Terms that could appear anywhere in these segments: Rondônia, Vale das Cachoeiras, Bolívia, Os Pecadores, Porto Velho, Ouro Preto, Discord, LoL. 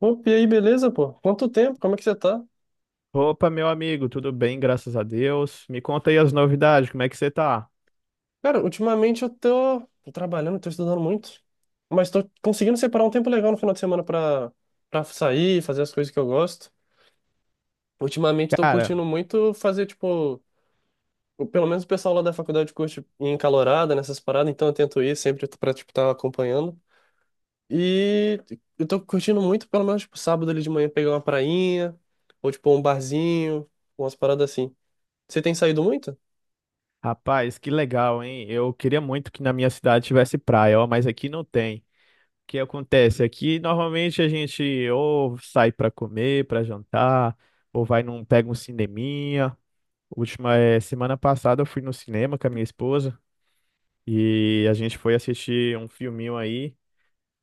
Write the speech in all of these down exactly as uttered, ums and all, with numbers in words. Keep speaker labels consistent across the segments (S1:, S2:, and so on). S1: Opa, e aí, beleza, pô? Quanto tempo? Como é que você tá?
S2: Opa, meu amigo, tudo bem, graças a Deus. Me conta aí as novidades, como é que você tá?
S1: Cara, ultimamente eu tô, tô trabalhando, tô estudando muito, mas tô conseguindo separar um tempo legal no final de semana pra, pra sair, fazer as coisas que eu gosto. Ultimamente tô
S2: Cara,
S1: curtindo muito fazer, tipo, o- pelo menos o pessoal lá da faculdade curte ir em calorada nessas paradas, então eu tento ir sempre pra, tipo, estar acompanhando. E eu tô curtindo muito, pelo menos, tipo, sábado ali de manhã pegar uma prainha, ou, tipo, um barzinho, umas paradas assim. Você tem saído muito?
S2: rapaz, que legal, hein? Eu queria muito que na minha cidade tivesse praia, ó, mas aqui não tem. O que acontece? Aqui normalmente a gente ou sai pra comer, pra jantar, ou vai num, pega um cineminha. Última, eh, semana passada eu fui no cinema com a minha esposa. E a gente foi assistir um filminho aí,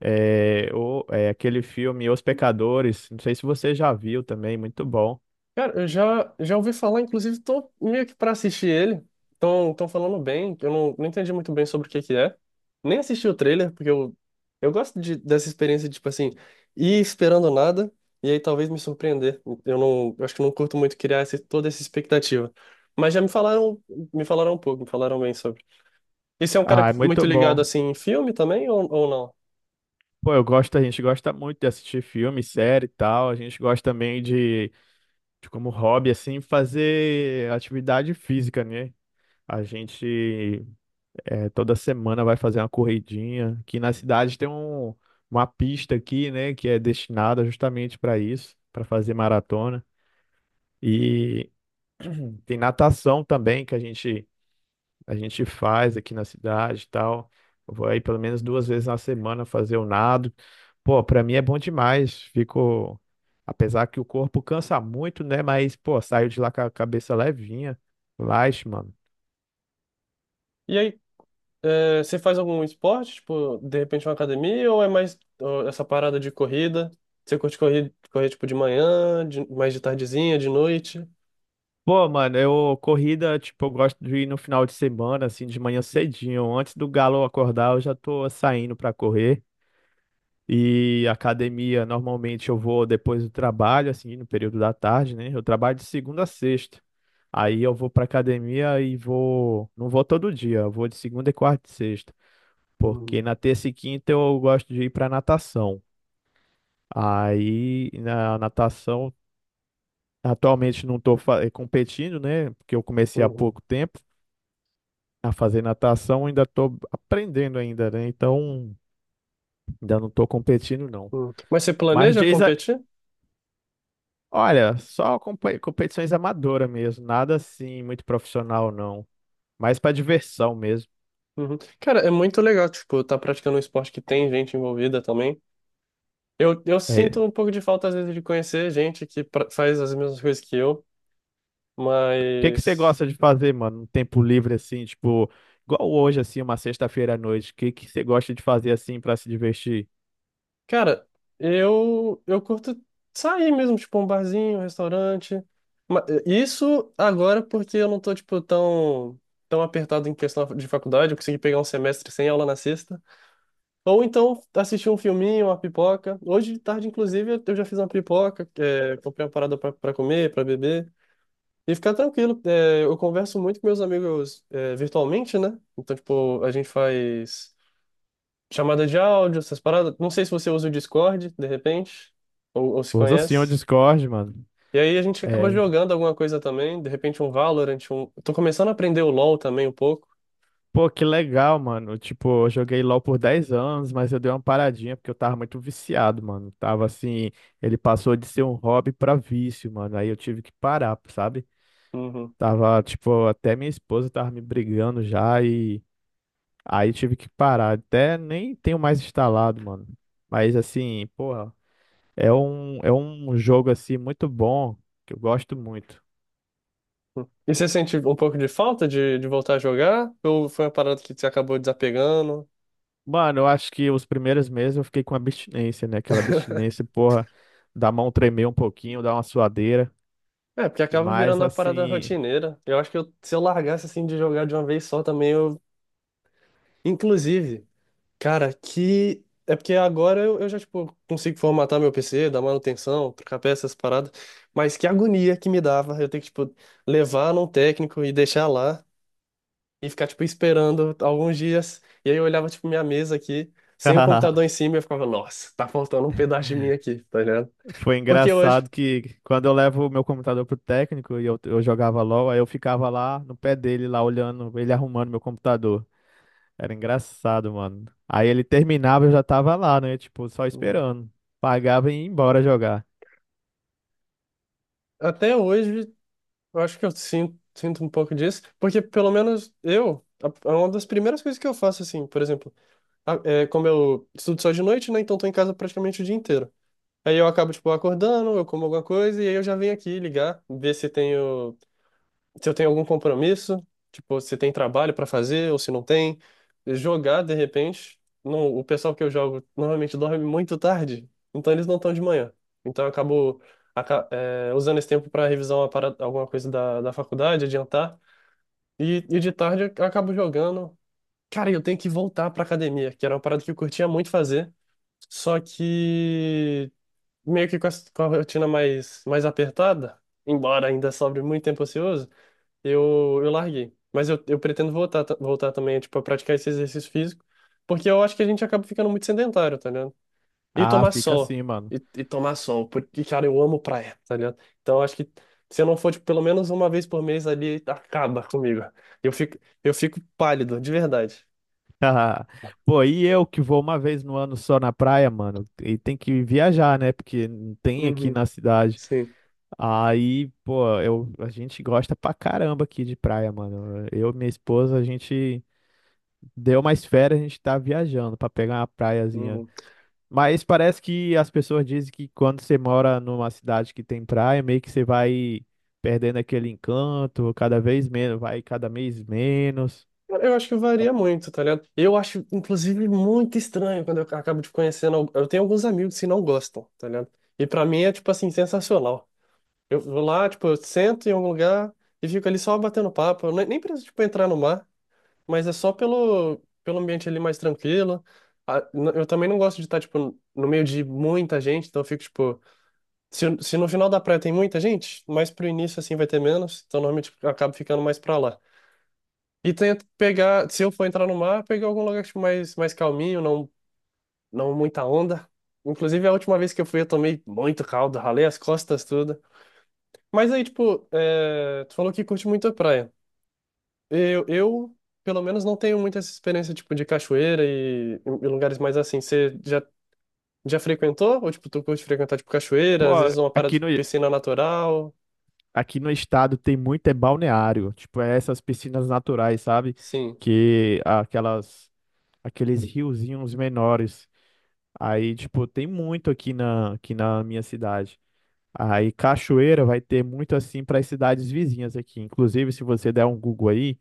S2: é, o, é aquele filme Os Pecadores. Não sei se você já viu também, muito bom.
S1: Cara, eu já, já ouvi falar, inclusive tô meio que pra assistir ele. Tão, tão falando bem, eu não, não entendi muito bem sobre o que que é. Nem assisti o trailer, porque eu, eu gosto de, dessa experiência de, tipo assim, ir esperando nada e aí talvez me surpreender. Eu não, eu acho que não curto muito criar essa- toda essa expectativa. Mas já me falaram, me falaram um pouco, me falaram bem sobre. Esse é um cara
S2: Ah, é
S1: muito
S2: muito
S1: ligado,
S2: bom.
S1: assim, em filme também ou, ou não?
S2: Pô, eu gosto, a gente gosta muito de assistir filme, série e tal. A gente gosta também de, de como hobby, assim, fazer atividade física, né? A gente é, Toda semana vai fazer uma corridinha. Aqui na cidade tem um, Uma pista aqui, né, que é destinada justamente para isso, para fazer maratona. E tem natação também que a gente a gente faz aqui na cidade e tal. Eu vou aí pelo menos duas vezes na semana fazer o nado. Pô, pra mim é bom demais. Fico, apesar que o corpo cansa muito, né? Mas pô, saio de lá com a cabeça levinha. Relaxa, mano.
S1: E aí, é, você faz algum esporte, tipo, de repente uma academia, ou é mais ó, essa parada de corrida? Você curte correr, correr tipo, de manhã, de- mais de tardezinha, de noite?
S2: Pô, mano, eu corrida, tipo, eu gosto de ir no final de semana, assim, de manhã cedinho, antes do galo acordar, eu já tô saindo pra correr. E academia, normalmente eu vou depois do trabalho, assim, no período da tarde, né? Eu trabalho de segunda a sexta. Aí eu vou pra academia e vou. Não vou todo dia, eu vou de segunda e quarta e sexta.
S1: Uhum,
S2: Porque na terça e quinta eu gosto de ir pra natação. Aí na natação, atualmente não tô fa- eh, competindo, né? Porque eu comecei há
S1: uhum,
S2: pouco tempo a fazer natação, ainda tô aprendendo ainda, né? Então ainda não tô competindo, não.
S1: uhum. Mas você
S2: Mas
S1: planeja
S2: diz, a-
S1: competir?
S2: Olha, só compe- competições amadoras mesmo, nada assim muito profissional não, mais pra diversão mesmo.
S1: Uhum. Cara, é muito legal, tipo, tá praticando um esporte que tem gente envolvida também. Eu, eu
S2: É.
S1: sinto
S2: O
S1: um pouco de falta, às vezes, de conhecer gente que pra- faz as mesmas coisas que eu,
S2: que que você
S1: mas...
S2: gosta de fazer, mano, no tempo livre assim, tipo, igual hoje assim, uma sexta-feira à noite, o que que você gosta de fazer assim pra se divertir?
S1: Cara, eu eu curto sair mesmo, tipo, um barzinho, um restaurante. Ma- Isso agora porque eu não tô, tipo, tão, tão apertado em questão de faculdade, eu consegui pegar um semestre sem aula na sexta. Ou então assistir um filminho, uma pipoca. Hoje de tarde, inclusive, eu eu já fiz uma pipoca, é, comprei uma parada pra, pra comer, pra beber. E ficar tranquilo. É, eu converso muito com meus amigos, é, virtualmente, né? Então, tipo, a gente faz chamada de áudio, essas paradas. Não sei se você usa o Discord, de repente, ou, ou se
S2: Usa sim o
S1: conhece.
S2: Discord, mano.
S1: E aí a gente acaba
S2: É.
S1: jogando alguma coisa também, de repente um Valorant, um... Tô começando a aprender o LoL também um pouco.
S2: Pô, que legal, mano. Tipo, eu joguei LoL por dez anos, mas eu dei uma paradinha porque eu tava muito viciado, mano. Tava assim, ele passou de ser um hobby pra vício, mano. Aí eu tive que parar, sabe?
S1: Uhum.
S2: Tava, tipo, até minha esposa tava me brigando já e aí tive que parar. Até nem tenho mais instalado, mano. Mas assim, porra, é um, é um jogo assim muito bom, que eu gosto muito.
S1: Uhum. E você sente um pouco de falta de, de voltar a jogar? Ou foi uma parada que você acabou desapegando?
S2: Mano, eu acho que os primeiros meses eu fiquei com abstinência, né? Aquela abstinência, porra, da mão tremer um pouquinho, dar uma suadeira.
S1: É, porque
S2: E
S1: acaba
S2: mais
S1: virando uma parada
S2: assim,
S1: rotineira. Eu acho que eu- se eu largasse assim de jogar de uma vez só também, eu... Inclusive, cara, que. É porque agora eu, eu já, tipo, consigo formatar meu P C, dar manutenção, trocar peças, essas paradas. Mas que agonia que me dava eu ter que, tipo, levar num técnico e deixar lá e ficar, tipo, esperando alguns dias. E aí eu olhava, tipo, minha mesa aqui, sem o computador em cima, e eu ficava, nossa, tá faltando um pedaço de mim aqui, tá ligado?
S2: foi
S1: Porque hoje.
S2: engraçado que quando eu levo o meu computador pro técnico e eu, eu jogava LOL, aí eu ficava lá no pé dele, lá olhando, ele arrumando meu computador. Era engraçado, mano. Aí ele terminava, eu já tava lá, né? Tipo, só
S1: Uhum.
S2: esperando. Pagava e ia embora jogar.
S1: Até hoje, eu acho que eu sinto, sinto um pouco disso, porque pelo menos eu, a- é uma das primeiras coisas que eu faço, assim, por exemplo. A- é, como eu estudo só de noite, né? Então tô em casa praticamente o dia inteiro. Aí eu acabo, tipo, acordando, eu como alguma coisa e aí eu já venho aqui ligar, ver se tenho, se eu tenho algum compromisso, tipo, se tem trabalho pra fazer ou se não tem. Jogar, de repente, não, o pessoal que eu jogo normalmente dorme muito tarde, então eles não estão de manhã. Então eu acabo, aca- é, usando esse tempo pra revisar uma parada- alguma coisa da, da faculdade, adiantar. E, e de tarde eu acabo jogando cara, eu tenho que voltar pra academia, que era uma parada que eu curtia muito fazer, só que meio que com a, com a rotina mais, mais apertada, embora ainda sobre muito tempo ocioso, eu, eu larguei. Mas eu, eu pretendo voltar, ta- voltar também, tipo, a praticar esse exercício físico, porque eu acho que a gente acaba ficando muito sedentário, tá ligado? E
S2: Ah,
S1: tomar
S2: fica
S1: sol,
S2: assim, mano.
S1: e, e tomar sol, porque, cara, eu amo praia, tá ligado? Então, eu acho que se eu não for, tipo, pelo menos uma vez por mês ali, acaba comigo. Eu fico, eu fico pálido, de verdade.
S2: Pô, e eu que vou uma vez no ano só na praia, mano, e tem que viajar, né? Porque não tem aqui
S1: Uhum.
S2: na cidade.
S1: Sim.
S2: Aí, pô, eu, a gente gosta pra caramba aqui de praia, mano. Eu e minha esposa, a gente. Deu mais férias, a gente tá viajando pra pegar uma praiazinha.
S1: Uhum.
S2: Mas parece que as pessoas dizem que quando você mora numa cidade que tem praia, meio que você vai perdendo aquele encanto, cada vez menos, vai cada mês menos.
S1: Cara, eu acho que varia muito, tá ligado? Eu acho, inclusive, muito estranho quando eu acabo de conhecendo. al- Eu tenho alguns amigos que não gostam, tá ligado? E pra mim é, tipo assim, sensacional. Eu vou lá, tipo, eu sento em algum lugar e fico ali só batendo papo. Eu nem nem preciso, tipo, entrar no mar, mas é só pelo, pelo ambiente ali mais tranquilo. Ah, n- eu também não gosto de estar, tipo, no meio de muita gente, então eu fico, tipo. Se, se no final da praia tem muita gente, mais pro início, assim, vai ter menos. Então, normalmente, eu acabo ficando mais pra lá. E tento pegar, se eu for entrar no mar, pegar algum lugar tipo, mais, mais calminho, não, não muita onda. Inclusive, a última vez que eu fui, eu tomei muito caldo, ralei as costas tudo. Mas aí, tipo, é, tu falou que curte muito a praia. Eu, eu, pelo menos, não tenho muita essa experiência, tipo, de cachoeira e, e lugares mais assim. Você já, já frequentou? Ou, tipo, tu curte frequentar, tipo, cachoeira,
S2: Pô,
S1: às vezes uma parada
S2: aqui
S1: de
S2: no,
S1: piscina natural?
S2: aqui no estado tem muito é balneário, tipo, é essas piscinas naturais, sabe?
S1: Sim.
S2: Que aquelas Aqueles riozinhos menores. Aí, tipo, tem muito aqui na aqui na minha cidade. Aí cachoeira vai ter muito assim para as cidades vizinhas aqui. Inclusive, se você der um Google aí,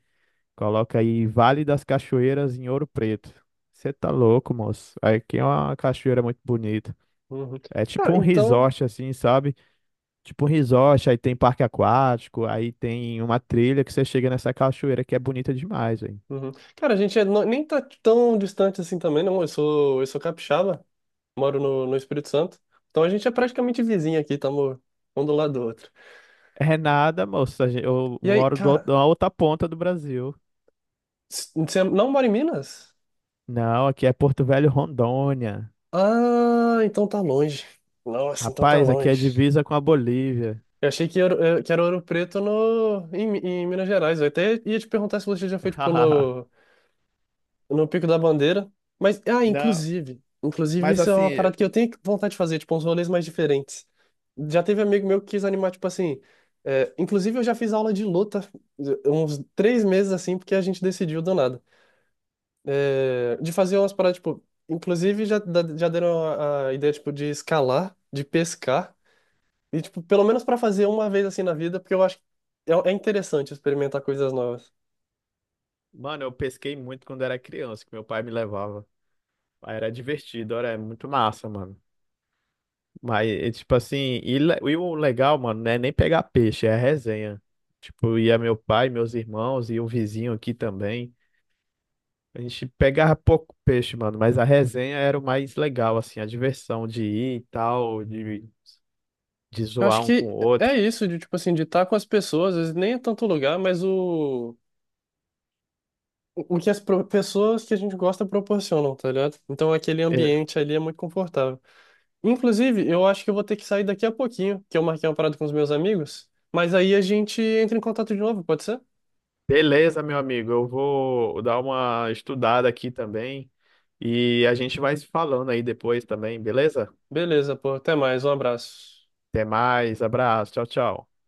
S2: coloca aí Vale das Cachoeiras em Ouro Preto. Você tá louco, moço. Aqui é uma cachoeira muito bonita.
S1: Uhum.
S2: É tipo
S1: Cara,
S2: um
S1: então...
S2: resort assim, sabe? Tipo um resort, aí tem parque aquático, aí tem uma trilha que você chega nessa cachoeira que é bonita demais, velho.
S1: Uhum. Cara, a gente é no- nem tá tão distante assim também, não. Eu sou, eu sou capixaba, moro no, no Espírito Santo. Então a gente é praticamente vizinho aqui, estamos um do lado do outro.
S2: É nada, moço. a gen- Eu
S1: E aí,
S2: moro do outro-
S1: cara,
S2: na outra ponta do Brasil.
S1: s- você não mora em Minas?
S2: Não, aqui é Porto Velho, Rondônia.
S1: Ah, então tá longe. Nossa, então tá
S2: Rapaz, aqui é
S1: longe.
S2: divisa com a Bolívia.
S1: Eu achei que era, eh, que era Ouro Preto no, em, Mi- em Minas Gerais. Eu até ia te perguntar se você já foi, tipo, no Pico da Bandeira. Mas, ah,
S2: Não,
S1: inclusive. Inclusive,
S2: mas
S1: isso é uma
S2: assim,
S1: parada que eu tenho vontade de fazer, tipo, uns rolês mais diferentes. Já teve amigo meu que quis animar, tipo assim. É, inclusive, eu já fiz aula de luta eh, uns três meses assim, porque a gente decidiu do nada. É, de fazer umas paradas, tipo. Inclusive, já, da- já deram a, a ideia, tipo, de escalar, de pescar. E, tipo, pelo menos pra fazer uma vez assim na vida, porque eu acho que é, é interessante experimentar coisas novas.
S2: mano, eu pesquei muito quando era criança, que meu pai me levava. Aí era divertido, era muito massa, mano. Mas, é tipo assim, e, le- e o legal, mano, não é nem pegar peixe, é a resenha. Tipo, ia meu pai, meus irmãos e um vizinho aqui também. A gente pegava pouco peixe, mano, mas a resenha era o mais legal, assim, a diversão de ir e tal, de, de
S1: Eu
S2: zoar
S1: acho
S2: um com
S1: que
S2: o outro.
S1: é isso, de tipo assim, de estar com as pessoas, às vezes nem é tanto lugar, mas o, o que as pro- pessoas que a gente gosta proporcionam, tá ligado? Então aquele ambiente ali é muito confortável. Inclusive, eu acho que eu vou ter que sair daqui a pouquinho, que eu marquei uma parada com os meus amigos, mas aí a gente entra em contato de novo, pode ser?
S2: Beleza, meu amigo. Eu vou dar uma estudada aqui também e a gente vai se falando aí depois também, beleza?
S1: Beleza, pô, até mais, um abraço.
S2: Até mais, abraço, tchau, tchau.